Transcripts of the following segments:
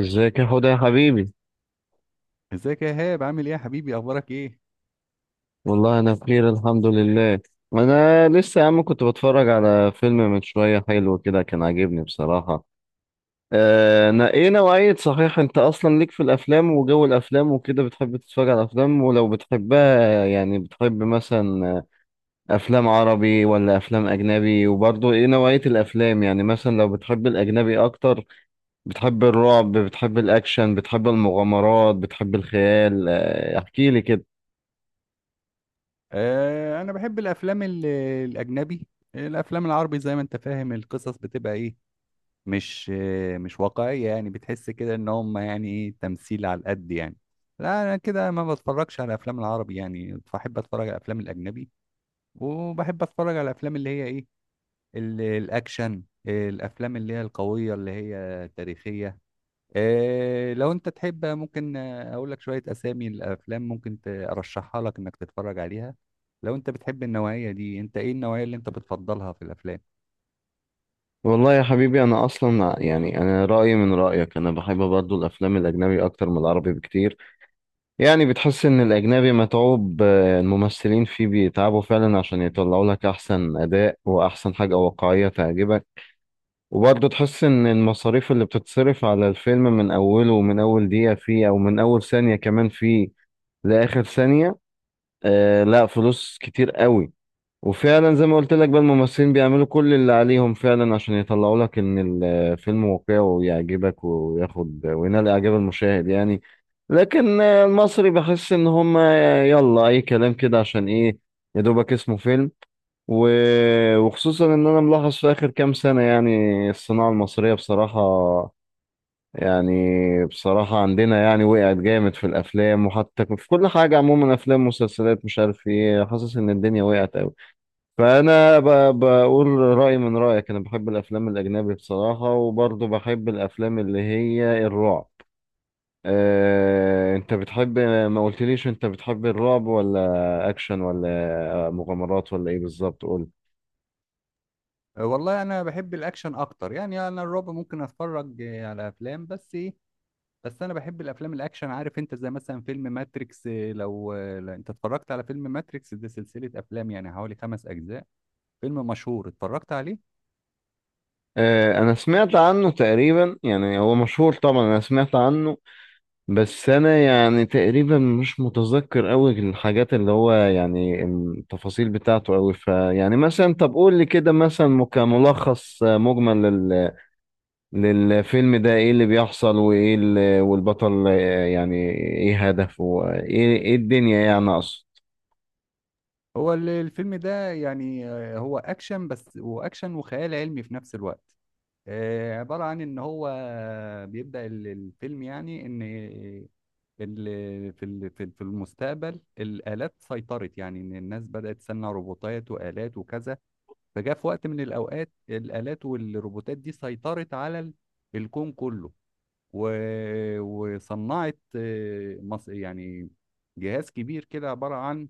ازيك يا حوده يا حبيبي. ازيك يا هاب؟ عامل ايه يا حبيبي؟ اخبارك ايه؟ والله انا بخير الحمد لله. انا لسه يا عم كنت بتفرج على فيلم من شويه، حلو كده كان عاجبني بصراحه. ايه نوعيه صحيح انت اصلا ليك في الافلام وجو الافلام وكده، بتحب تتفرج على الافلام؟ ولو بتحبها بتحب مثلا افلام عربي ولا افلام اجنبي؟ وبرضه ايه نوعيه الافلام؟ مثلا لو بتحب الاجنبي اكتر، بتحب الرعب؟ بتحب الاكشن؟ بتحب المغامرات؟ بتحب الخيال؟ آه احكي لي كده. انا بحب الافلام الاجنبي. الافلام العربي، زي ما انت فاهم، القصص بتبقى ايه؟ مش واقعية، يعني بتحس كده ان هم، يعني ايه، تمثيل على القد يعني. لا، انا كده ما بتفرجش على الافلام العربي، يعني بحب اتفرج على الافلام الاجنبي. وبحب اتفرج على الافلام اللي هي ايه، الاكشن. الافلام اللي هي القوية اللي هي تاريخية. لو انت تحب ممكن اقول لك شوية اسامي الافلام ممكن ارشحها لك انك تتفرج عليها. لو انت بتحب النوعية دي، انت ايه النوعية اللي انت بتفضلها في الافلام؟ والله يا حبيبي انا اصلا انا رايي من رايك، انا بحب برضو الافلام الاجنبي اكتر من العربي بكتير. يعني بتحس ان الاجنبي متعوب، الممثلين فيه بيتعبوا فعلا عشان يطلعوا لك احسن اداء واحسن حاجه واقعيه تعجبك. وبرضو تحس ان المصاريف اللي بتتصرف على الفيلم من اوله ومن اول دقيقه فيه او من اول ثانيه كمان فيه لاخر ثانيه، لا، فلوس كتير قوي. وفعلا زي ما قلت لك بقى، الممثلين بيعملوا كل اللي عليهم فعلا عشان يطلعوا لك ان الفيلم واقعي ويعجبك وياخد وينال اعجاب المشاهد يعني. لكن المصري بحس ان هم يلا اي كلام كده، عشان ايه؟ يا دوبك اسمه فيلم. و... وخصوصا ان انا ملاحظ في اخر كام سنة يعني الصناعة المصرية بصراحة، يعني بصراحة عندنا يعني وقعت جامد في الافلام، وحتى في كل حاجة عموما، افلام، مسلسلات، مش عارف ايه، حاسس ان الدنيا وقعت قوي. فانا بقول رايي من رايك، انا بحب الافلام الاجنبي بصراحه، وبرضه بحب الافلام اللي هي الرعب. أه انت بتحب، ما قلتليش انت بتحب الرعب ولا اكشن ولا مغامرات ولا ايه بالظبط؟ قول. والله انا بحب الاكشن اكتر، يعني انا الرعب ممكن اتفرج على افلام، بس ايه؟ بس انا بحب الافلام الاكشن. عارف انت زي مثلا فيلم ماتريكس؟ لو انت اتفرجت على فيلم ماتريكس، ده سلسلة افلام يعني حوالي 5 اجزاء. فيلم مشهور، اتفرجت عليه؟ أه انا سمعت عنه تقريبا، يعني هو مشهور طبعا انا سمعت عنه. بس انا يعني تقريبا مش متذكر قوي الحاجات اللي هو يعني التفاصيل بتاعته قوي. فيعني مثلا طب قول لي كده مثلا كملخص مجمل للفيلم ده، ايه اللي بيحصل وايه اللي والبطل يعني ايه هدفه وايه ايه الدنيا، يعني اقصد. هو الفيلم ده يعني، هو اكشن، بس واكشن وخيال علمي في نفس الوقت. عبارة عن إن هو بيبدأ الفيلم، يعني إن في ال- في في المستقبل الآلات سيطرت، يعني إن الناس بدأت تصنع روبوتات وآلات وكذا. فجاء في وقت من الأوقات الآلات والروبوتات دي سيطرت على الكون كله. وصنعت يعني جهاز كبير كده، عبارة عن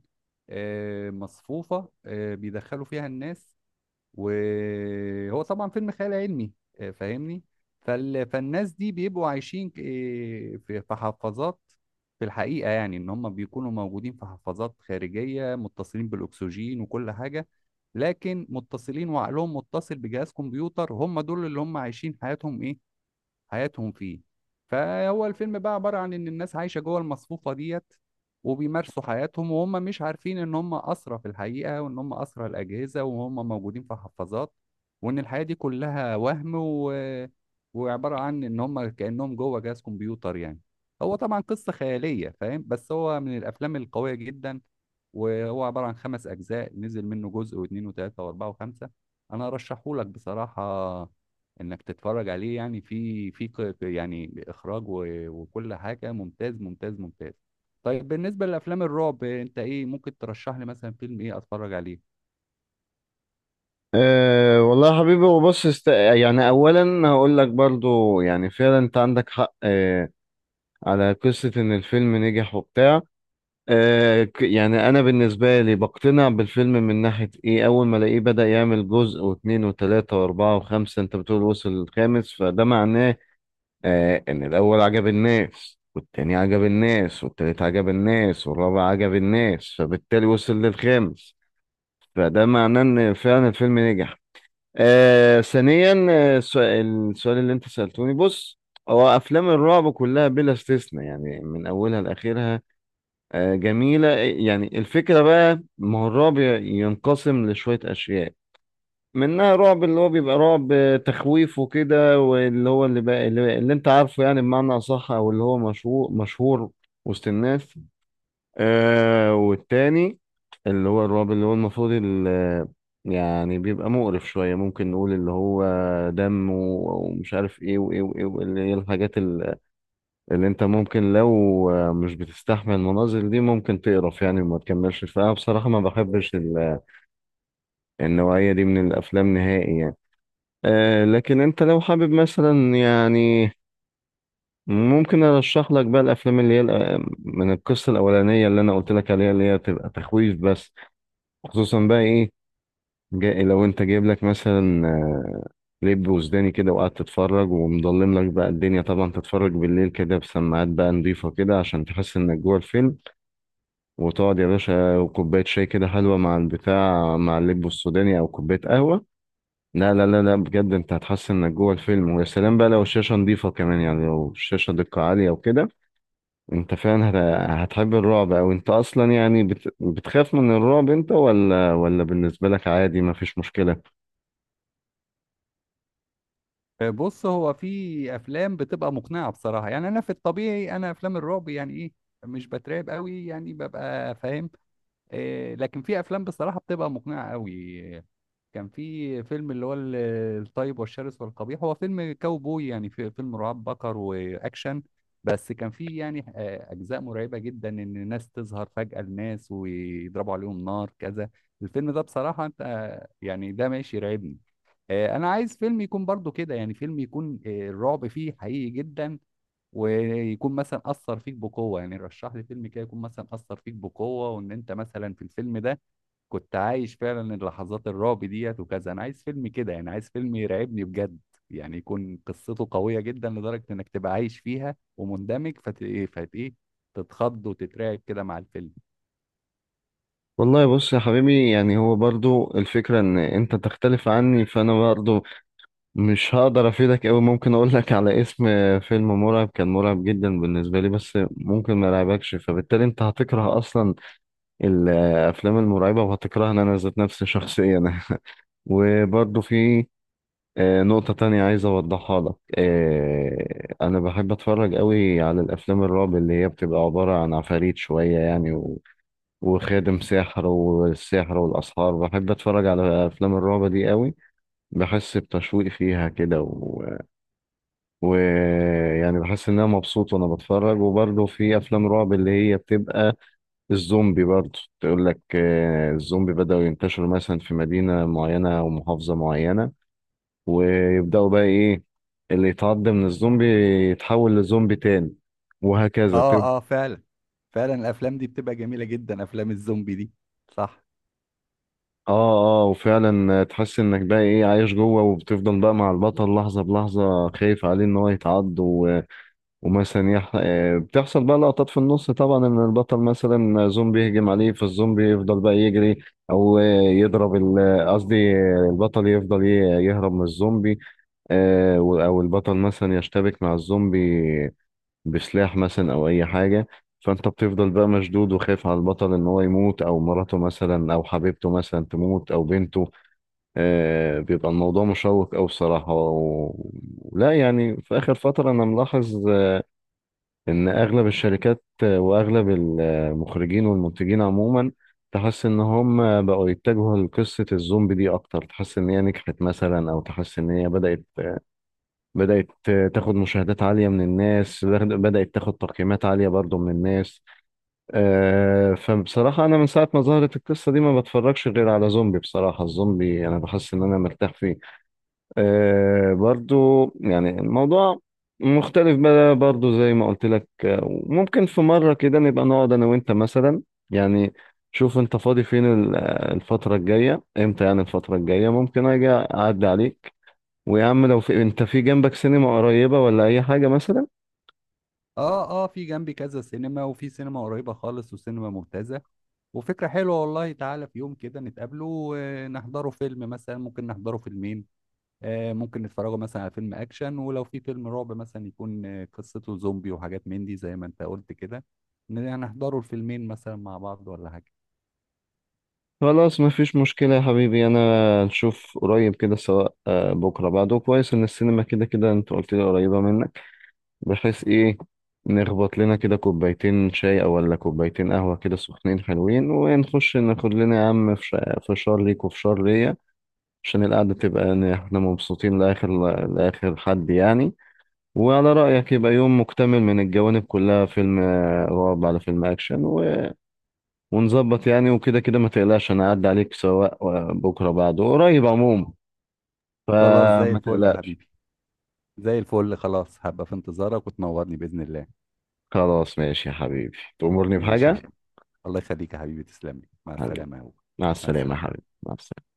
مصفوفة، بيدخلوا فيها الناس. وهو طبعا فيلم خيال علمي، فاهمني؟ فالناس دي بيبقوا عايشين في حفاظات. في الحقيقة، يعني ان هم بيكونوا موجودين في حفاظات خارجية متصلين بالاكسجين وكل حاجة، لكن متصلين وعقلهم متصل بجهاز كمبيوتر، هم دول اللي هم عايشين حياتهم ايه، حياتهم فيه. فهو الفيلم بقى عبارة عن إن الناس عايشة جوه المصفوفة ديت، وبيمارسوا حياتهم وهم مش عارفين إن هم أسرى في الحقيقة، وإن هم أسرى الأجهزة وهم موجودين في حفاظات، وإن الحياة دي كلها وهم وعبارة عن إن هم كأنهم جوه جهاز كمبيوتر يعني. هو طبعا قصة خيالية، فاهم؟ بس هو من الأفلام القوية جدا. وهو عبارة عن 5 أجزاء، نزل منه جزء واثنين وثلاثة وأربعة وخمسة. أنا أرشحهولك بصراحة انك تتفرج عليه. يعني في يعني اخراج وكل حاجه، ممتاز ممتاز ممتاز. طيب بالنسبه لافلام الرعب، انت ايه ممكن ترشح لي مثلا؟ فيلم ايه اتفرج عليه؟ أه والله يا حبيبي يعني اولا هقول لك برضو يعني فعلا انت عندك حق أه على قصة ان الفيلم نجح وبتاع. يعني انا بالنسبة لي بقتنع بالفيلم من ناحية ايه، اول ما الاقيه بدأ يعمل جزء واثنين وثلاثة واربعة وخمسة، انت بتقول وصل الخامس، فده معناه آه ان الاول عجب الناس والتاني عجب الناس والتالت عجب الناس والرابع عجب الناس، فبالتالي وصل للخامس. فده معناه ان فعلا الفيلم نجح. آه ثانيا، السؤال اللي انت سألتوني، بص، هو افلام الرعب كلها بلا استثناء يعني من اولها لاخرها جميلة. يعني الفكرة بقى، ما هو الرعب ينقسم لشوية اشياء، منها رعب اللي هو بيبقى رعب تخويف وكده، واللي هو اللي انت عارفه يعني بمعنى أصح، او اللي هو مشهور مشهور وسط الناس. آه والتاني اللي هو الرعب اللي هو المفروض ال- يعني بيبقى مقرف شوية، ممكن نقول اللي هو دم ومش عارف ايه وايه وايه، واللي هي اللي انت ممكن لو مش بتستحمل المناظر دي ممكن تقرف يعني وما تكملش. فأنا بصراحة ما بحبش النوعية دي من الأفلام نهائي يعني. آه لكن انت لو حابب مثلا يعني ممكن ارشح لك بقى الافلام من القصه الاولانيه اللي انا قلت لك عليها، اللي هي بتبقى تخويف بس. خصوصا بقى ايه، جاي لو انت جايب لك مثلا لب وسوداني كده وقاعد تتفرج، ومضلم لك بقى الدنيا طبعا، تتفرج بالليل كده بسماعات بقى نضيفه كده عشان تحس انك جوه الفيلم، وتقعد يا باشا وكوبايه شاي كده حلوه مع البتاع مع اللب السوداني او كوبايه قهوه. لا لا لا لا بجد، انت هتحس انك جوه الفيلم. ويا سلام بقى لو الشاشه نظيفه كمان، يعني لو الشاشه دقه عاليه وكده، انت فعلا هتحب الرعب. او انت اصلا يعني بتخاف من الرعب انت ولا، ولا بالنسبه لك عادي ما فيش مشكله؟ بص، هو في افلام بتبقى مقنعه بصراحه، يعني انا في الطبيعي انا افلام الرعب يعني ايه، مش بترعب قوي يعني، ببقى فاهم. إيه، لكن في افلام بصراحه بتبقى مقنعه قوي. كان في فيلم اللي هو الطيب والشرس والقبيح، هو فيلم كاوبوي يعني، في فيلم رعاة بقر واكشن. بس كان في يعني اجزاء مرعبه جدا، ان الناس تظهر فجاه لناس ويضربوا عليهم نار كذا. الفيلم ده بصراحه انت يعني ده ماشي يرعبني. انا عايز فيلم يكون برضو كده، يعني فيلم يكون الرعب فيه حقيقي جدا، ويكون مثلا اثر فيك بقوه، يعني رشح لي فيلم كده يكون مثلا اثر فيك بقوه، وان انت مثلا في الفيلم ده كنت عايش فعلا اللحظات الرعب ديت وكذا. انا عايز فيلم كده يعني، عايز فيلم يرعبني بجد، يعني يكون قصته قوية جدا لدرجة انك تبقى عايش فيها ومندمج فت ايه تتخض وتترعب كده مع الفيلم. والله بص يا حبيبي، يعني هو برضو الفكره ان انت تختلف عني، فانا برضو مش هقدر افيدك قوي. ممكن اقول لك على اسم فيلم مرعب، كان مرعب جدا بالنسبه لي، بس ممكن ما يرعبكش، فبالتالي انت هتكره اصلا الافلام المرعبه وهتكرهنا انا ذات نفسي شخصيا وبرضه في نقطه تانية عايز اوضحها لك، انا بحب اتفرج قوي على الافلام الرعب اللي هي بتبقى عباره عن عفاريت شويه يعني، وخادم ساحر والسحر والاسحار، بحب اتفرج على افلام الرعب دي قوي. بحس بتشويق فيها كده ويعني و... و- يعني بحس ان انا مبسوط وانا بتفرج. وبرضه في افلام رعب اللي هي بتبقى الزومبي، برضه تقول لك الزومبي بدأوا ينتشروا مثلا في مدينة معينة أو محافظة معينة، ويبدأوا بقى إيه، اللي يتعض من الزومبي يتحول لزومبي تاني وهكذا اه، اه، فعلا فعلا الافلام دي بتبقى جميله جدا، افلام الزومبي دي، صح. اه اه وفعلا تحس انك بقى ايه عايش جوه، وبتفضل بقى مع البطل لحظة بلحظة خايف عليه ان هو يتعض. ومثلا يح... آه، بتحصل بقى لقطات في النص طبعا ان البطل مثلا زومبي يهجم عليه، فالزومبي يفضل بقى يجري او آه، يضرب ال- قصدي آه، البطل يفضل يهرب من الزومبي. او البطل مثلا يشتبك مع الزومبي بسلاح مثلا او اي حاجه، فانت بتفضل بقى مشدود وخايف على البطل ان هو يموت، او مراته مثلا او حبيبته مثلا تموت، او بنته. بيبقى الموضوع مشوق او بصراحه لا يعني في اخر فتره انا ملاحظ ان اغلب الشركات واغلب المخرجين والمنتجين عموما، تحس ان هم بقوا يتجهوا لقصة الزومبي دي اكتر، تحس ان هي نجحت مثلا، او تحس ان هي بدأت تاخد مشاهدات عالية من الناس، بدأت تاخد تقييمات عالية برضو من الناس. فبصراحة انا من ساعة ما ظهرت القصة دي ما بتفرجش غير على زومبي. بصراحة الزومبي انا بحس ان انا مرتاح فيه آه برضو. يعني الموضوع مختلف بقى برضو زي ما قلت لك، وممكن في مرة كده نبقى نقعد أنا وأنت مثلا، يعني شوف أنت فاضي فين الفترة الجاية إمتى، يعني الفترة الجاية ممكن أجي أعدي عليك، ويا عم لو في أنت في جنبك سينما قريبة ولا أي حاجة مثلا. اه، اه، في جنبي كذا سينما، وفي سينما قريبه خالص وسينما ممتازه. وفكره حلوه والله، تعالى في يوم كده نتقابله ونحضره فيلم، مثلا ممكن نحضره فيلمين. ممكن نتفرجوا مثلا على فيلم اكشن، ولو في فيلم رعب مثلا يكون قصته زومبي وحاجات من دي زي ما انت قلت كده. نحضروا الفيلمين مثلا مع بعض ولا حاجة؟ خلاص مفيش مشكلة يا حبيبي، أنا نشوف قريب كده، سواء بكرة بعده كويس، إن السينما كده كده أنت قلت لي قريبة منك، بحيث ايه نخبط لنا كده كوبايتين شاي او ولا كوبايتين قهوة كده سخنين حلوين، ونخش ناخد لنا يا عم فشار ليك وفشار ليا عشان القعدة تبقى إن احنا مبسوطين لآخر لآخر حد يعني. وعلى رأيك يبقى يوم مكتمل من الجوانب كلها، فيلم رعب على فيلم أكشن ونظبط يعني. وكده كده ما تقلقش أنا أعدي عليك، سواء بكرة بعده قريب عموما، خلاص زي فما الفل يا تقلقش. حبيبي، زي الفل، خلاص هبقى في انتظارك وتنورني بإذن الله. خلاص ماشي يا حبيبي، تأمرني ماشي يا بحاجة. حبيبي، الله يخليك يا حبيبي، تسلم لي، مع حبيبي، السلامة يا هو. مع مع السلامة يا السلامة. حبيبي، مع السلامة.